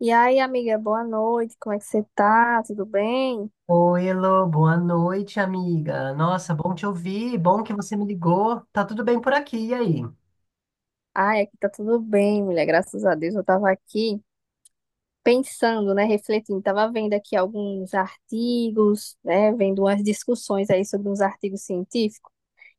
E aí, amiga, boa noite. Como é que você tá? Tudo bem? Oi, Elô, boa noite, amiga. Nossa, bom te ouvir, bom que você me ligou. Tá tudo bem por aqui, e aí? Ai, aqui tá tudo bem, mulher. Graças a Deus. Eu tava aqui pensando, né, refletindo. Tava vendo aqui alguns artigos, né, vendo umas discussões aí sobre uns artigos científicos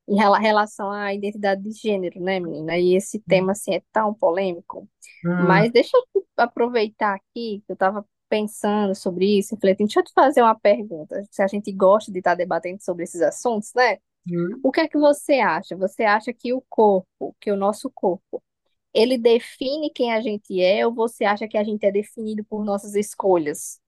em relação à identidade de gênero, né, menina? E esse tema, assim, é tão polêmico. Hum, Mas deixa eu aproveitar aqui que eu tava pensando sobre isso, refletindo. Deixa eu te fazer uma pergunta. Se a gente gosta de estar debatendo sobre esses assuntos, né? hum. O que é que você acha? Você acha que o corpo, que o nosso corpo, ele define quem a gente é ou você acha que a gente é definido por nossas escolhas?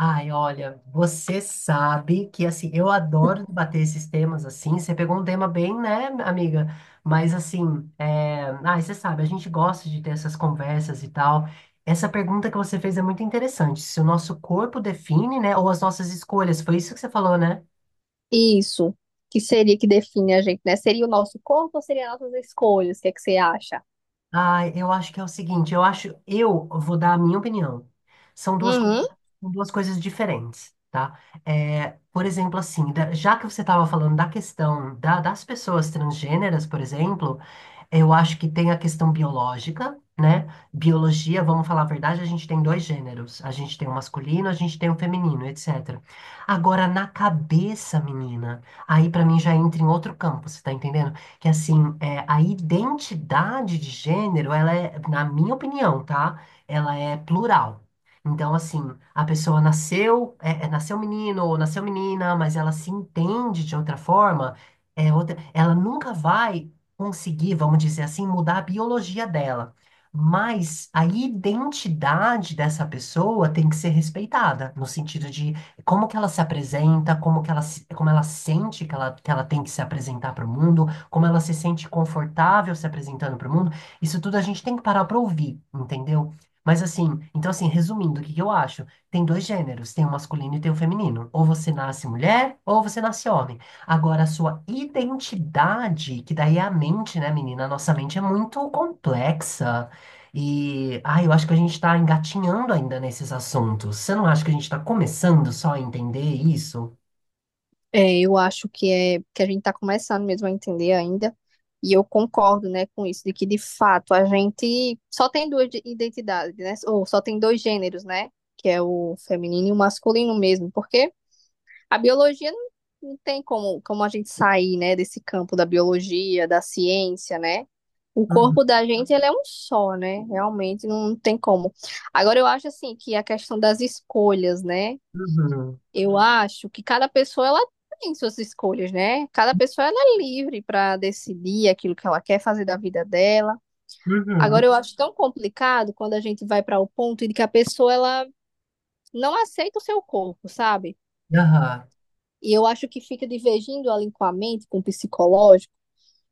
Ai, olha, você sabe que, assim, eu adoro debater esses temas, assim, você pegou um tema bem, né, amiga? Mas, assim, ai, você sabe, a gente gosta de ter essas conversas e tal. Essa pergunta que você fez é muito interessante, se o nosso corpo define, né, ou as nossas escolhas, foi isso que você falou, né? Isso, que seria que define a gente, né? Seria o nosso corpo ou seria nossas escolhas? O que é que você acha? Ah, eu acho que é o seguinte, eu acho, eu vou dar a minha opinião. São duas coisas, Uhum. são duas coisas diferentes, tá? É, por exemplo, assim, já que você estava falando da questão das pessoas transgêneras, por exemplo, eu acho que tem a questão biológica, né? Biologia, vamos falar a verdade, a gente tem dois gêneros, a gente tem o masculino, a gente tem o feminino, etc. Agora, na cabeça, menina, aí pra mim já entra em outro campo, você tá entendendo? Que assim, a identidade de gênero, ela é, na minha opinião, tá? Ela é plural. Então, assim, a pessoa nasceu, nasceu menino ou nasceu menina, mas ela se entende de outra forma, é outra, ela nunca vai conseguir, vamos dizer assim, mudar a biologia dela. Mas a identidade dessa pessoa tem que ser respeitada, no sentido de como que ela se apresenta, como que ela, como ela sente que ela tem que se apresentar para o mundo, como ela se sente confortável se apresentando para o mundo, isso tudo a gente tem que parar para ouvir, entendeu? Mas assim, então assim, resumindo, o que que eu acho? Tem dois gêneros, tem o masculino e tem o feminino. Ou você nasce mulher, ou você nasce homem. Agora, a sua identidade, que daí é a mente, né, menina? A nossa mente é muito complexa. E, ah, eu acho que a gente está engatinhando ainda nesses assuntos. Você não acha que a gente está começando só a entender isso? É, eu acho que é que a gente está começando mesmo a entender ainda, e eu concordo, né, com isso, de que de fato a gente só tem duas identidades, né? Ou só tem dois gêneros, né? Que é o feminino e o masculino mesmo, porque a biologia não, não tem como, como a gente sair, né, desse campo da biologia, da ciência, né? O Uhum, corpo da gente, ele é um só, né? Realmente não tem como. Agora, eu acho, assim, que a questão das escolhas, né? uhum, Eu acho que cada pessoa, ela tem suas escolhas, né? Cada pessoa, ela é livre para decidir aquilo que ela quer fazer da vida dela. uhum, Agora, eu acho tão complicado quando a gente vai para o ponto de que a pessoa, ela não aceita o seu corpo, sabe? aham, E eu acho que fica divergindo ela com a mente, com o psicológico.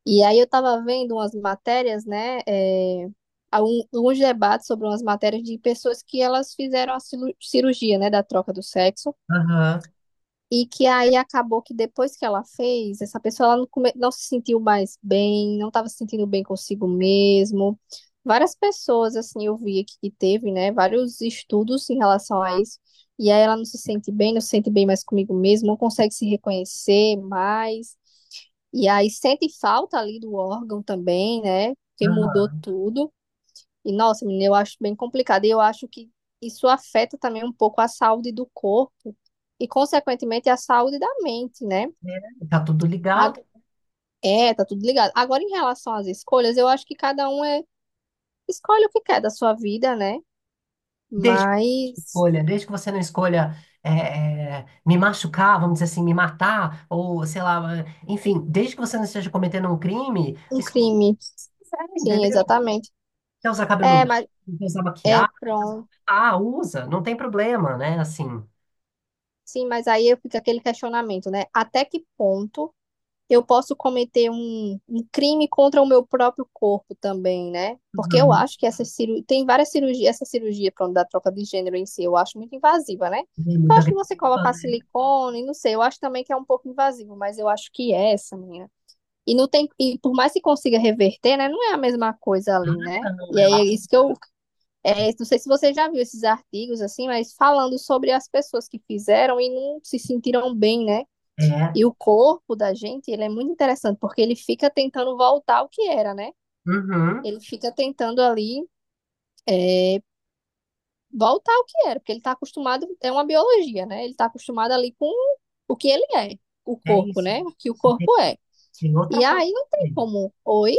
E aí eu estava vendo umas matérias, né? É, há alguns debates sobre umas matérias de pessoas que elas fizeram a cirurgia, né, da troca do sexo. aham. E que aí acabou que depois que ela fez, essa pessoa ela não se sentiu mais bem, não estava se sentindo bem consigo mesmo. Várias pessoas, assim, eu vi aqui que teve, né, vários estudos em relação a isso. E aí ela não se sente bem, não se sente bem mais comigo mesmo, não consegue se reconhecer mais. E aí sente falta ali do órgão também, né, porque mudou Aham, tudo. E, nossa, menina, eu acho bem complicado. E eu acho que isso afeta também um pouco a saúde do corpo e, consequentemente, a saúde da mente, né? né? Tá tudo A- ligado. É, tá tudo ligado. Agora, em relação às escolhas, eu acho que cada um escolhe o que quer da sua vida, né? Desde que você Mas escolha, desde que você não escolha me machucar, vamos dizer assim, me matar, ou sei lá, enfim, desde que você não esteja cometendo um crime, um escolha o crime, que você quiser, sim, entendeu? exatamente. Quer usar cabelo É, longo, mas quer usar é maquiagem, quer usar- pronto. ah, usa, não tem problema, né? Assim, Sim, mas aí fica aquele questionamento, né? Até que ponto eu posso cometer um crime contra o meu próprio corpo também, né? Porque eu uhum. acho que essa cirurgia, tem várias cirurgias, essa cirurgia pronto, da troca de gênero em si, eu acho muito invasiva, né? É Eu muito acho que agressivo, você colocar né? silicone, não sei, eu acho também que é um pouco invasivo, mas eu acho que é essa, menina. E não tem, e por mais que consiga reverter, né, não é a mesma coisa ali, né? Ah, não, E eu aí é acho. isso que eu, É, não sei se você já viu esses artigos assim, mas falando sobre as pessoas que fizeram e não se sentiram bem, né? é, E o corpo da gente, ele é muito interessante, porque ele fica tentando voltar ao que era, né? uhum, Ele fica tentando ali é, voltar ao que era, porque ele está acostumado, é uma biologia, né? Ele está acostumado ali com o que ele é, o é corpo, isso. né? O que o E tem, corpo é. tem outra E coisa aí não tem também. como, oi?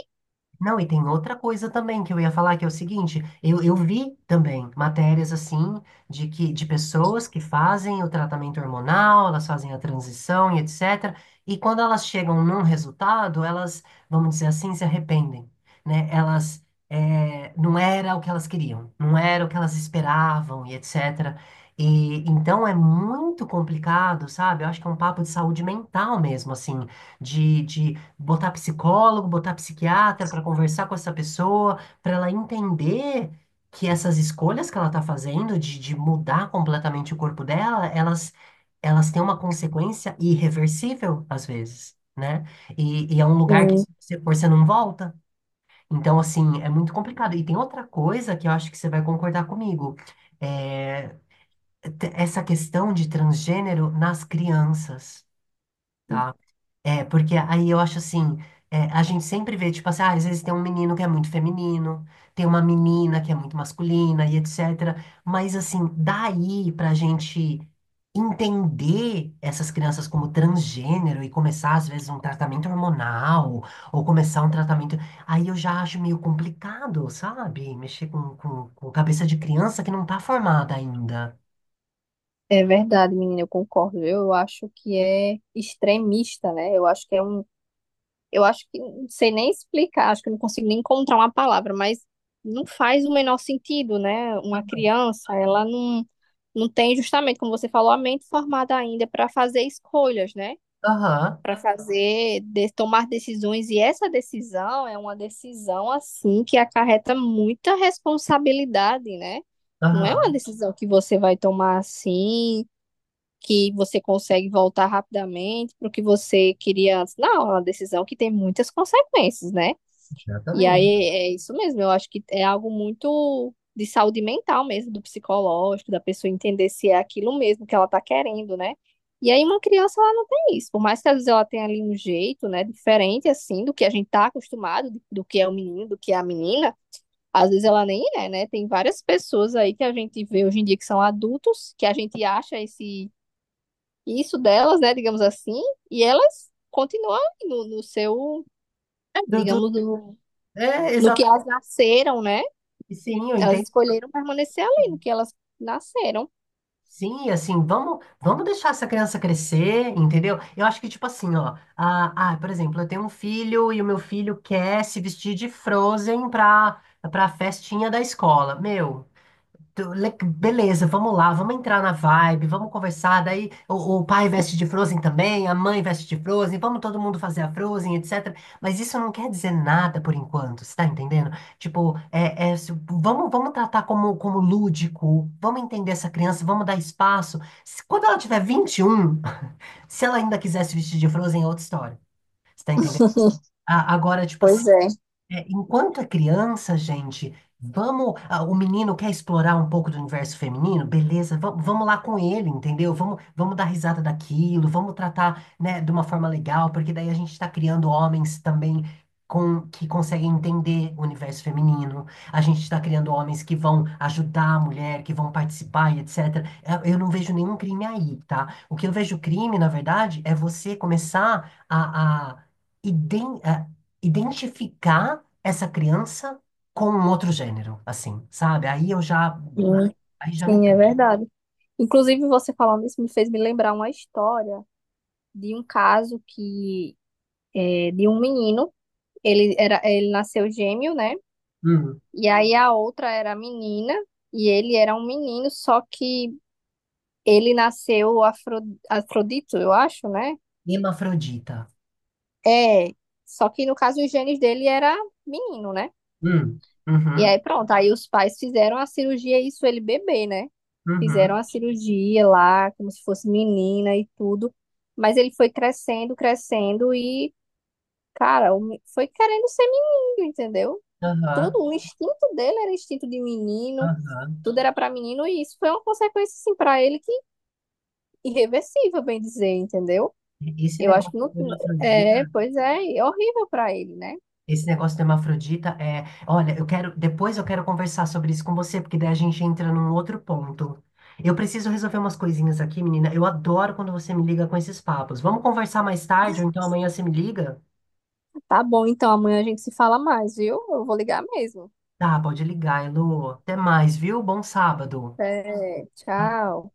Não, e tem outra coisa também que eu ia falar, que é o seguinte, eu vi também matérias assim de que de pessoas que fazem o tratamento hormonal, elas fazem a transição e etc. E quando elas chegam num resultado, elas, vamos dizer assim, se arrependem, né? Elas não era o que elas queriam, não era o que elas esperavam e etc. E então é muito complicado, sabe? Eu acho que é um papo de saúde mental mesmo, assim, de botar psicólogo, botar psiquiatra para conversar com essa pessoa, para ela entender que essas escolhas que ela está fazendo de mudar completamente o corpo dela, elas têm uma consequência irreversível, às vezes, né? E é um lugar que Hum. se você for, você não volta. Então, assim, é muito complicado. E tem outra coisa que eu acho que você vai concordar comigo. É, Essa questão de transgênero nas crianças. Tá, porque aí eu acho assim, a gente sempre vê, tipo assim, ah, às vezes tem um menino que é muito feminino, tem uma menina que é muito masculina e etc. Mas assim, daí pra gente entender essas crianças como transgênero e começar, às vezes, um tratamento hormonal, ou começar um tratamento. Aí eu já acho meio complicado, sabe? Mexer com cabeça de criança que não tá formada ainda. É verdade, menina, eu concordo. Eu acho que é extremista, né? Eu acho que não sei nem explicar, acho que eu não consigo nem encontrar uma palavra, mas não faz o menor sentido, né? Uma criança, ela não, não tem justamente, como você falou, a mente formada ainda para fazer escolhas, né? Aham, Para fazer, tomar decisões. E essa decisão é uma decisão, assim, que acarreta muita responsabilidade, né? Não é uma aham, decisão que você vai tomar assim que você consegue voltar rapidamente para o que você queria antes. Não, é uma decisão que tem muitas consequências, né? E aí exatamente. é isso mesmo, eu acho que é algo muito de saúde mental mesmo, do psicológico, da pessoa entender se é aquilo mesmo que ela está querendo, né? E aí uma criança ela não tem isso, por mais que às vezes ela tenha ali um jeito, né, diferente assim do que a gente tá acostumado, do que é o menino, do que é a menina, às vezes ela nem é, né? Tem várias pessoas aí que a gente vê hoje em dia que são adultos, que a gente acha esse isso delas, né, digamos assim, e elas continuam no seu, É, Dudu, digamos, no, é, no que elas exatamente. nasceram, né? Sim, eu Elas entendo. escolheram permanecer ali no que elas nasceram. Sim, assim, vamos deixar essa criança crescer, entendeu? Eu acho que, tipo assim, ó, por exemplo, eu tenho um filho e o meu filho quer se vestir de Frozen pra festinha da escola. Meu, beleza, vamos lá, vamos entrar na vibe, vamos conversar. Daí o pai veste de Frozen também, a mãe veste de Frozen, vamos todo mundo fazer a Frozen, etc. Mas isso não quer dizer nada por enquanto, você tá entendendo? Tipo, vamos tratar como lúdico, vamos entender essa criança, vamos dar espaço. Quando ela tiver 21, se ela ainda quiser se vestir de Frozen, é outra história, você tá entendendo? Agora, tipo assim. Pois é. É, enquanto é criança, gente, vamos. Ah, o menino quer explorar um pouco do universo feminino? Beleza, vamos lá com ele, entendeu? Vamos dar risada daquilo, vamos tratar, né, de uma forma legal, porque daí a gente está criando homens também que conseguem entender o universo feminino. A gente está criando homens que vão ajudar a mulher, que vão participar e etc. Eu não vejo nenhum crime aí, tá? O que eu vejo crime, na verdade, é você começar a identificar essa criança com um outro gênero, assim, sabe? Ai, Hum, aí já me Sim, é pego. verdade. Inclusive, você falando isso me fez me lembrar uma história de um caso que é, de um menino, ele nasceu gêmeo, né? Hum. E aí a outra era menina e ele era um menino, só que ele nasceu Afrodito, eu acho, né? Hermafrodita. É, só que no caso os genes dele era menino, né? Hum. E aí Uhum. pronto, aí os pais fizeram a cirurgia, isso ele bebê, né? Fizeram Uhum. a cirurgia lá, como se fosse menina e tudo. Mas ele foi crescendo, crescendo e, cara, foi querendo ser menino, entendeu? Aham. Tudo, o instinto dele era instinto de menino, Aham. tudo era pra menino e isso foi uma consequência, assim, pra ele que irreversível, bem dizer, entendeu? Esse Eu acho negócio que não. do hermafrodita, É, pois é, é horrível pra ele, né? esse negócio do hermafrodita é, olha, eu quero, depois eu quero conversar sobre isso com você, porque daí a gente entra num outro ponto. Eu preciso resolver umas coisinhas aqui, menina. Eu adoro quando você me liga com esses papos. Vamos conversar mais tarde, ou então amanhã você me liga? Tá bom, então amanhã a gente se fala mais, viu? Eu vou ligar mesmo. Tá, pode ligar, Elô. Até mais, viu? Bom sábado. É, Então, tchau.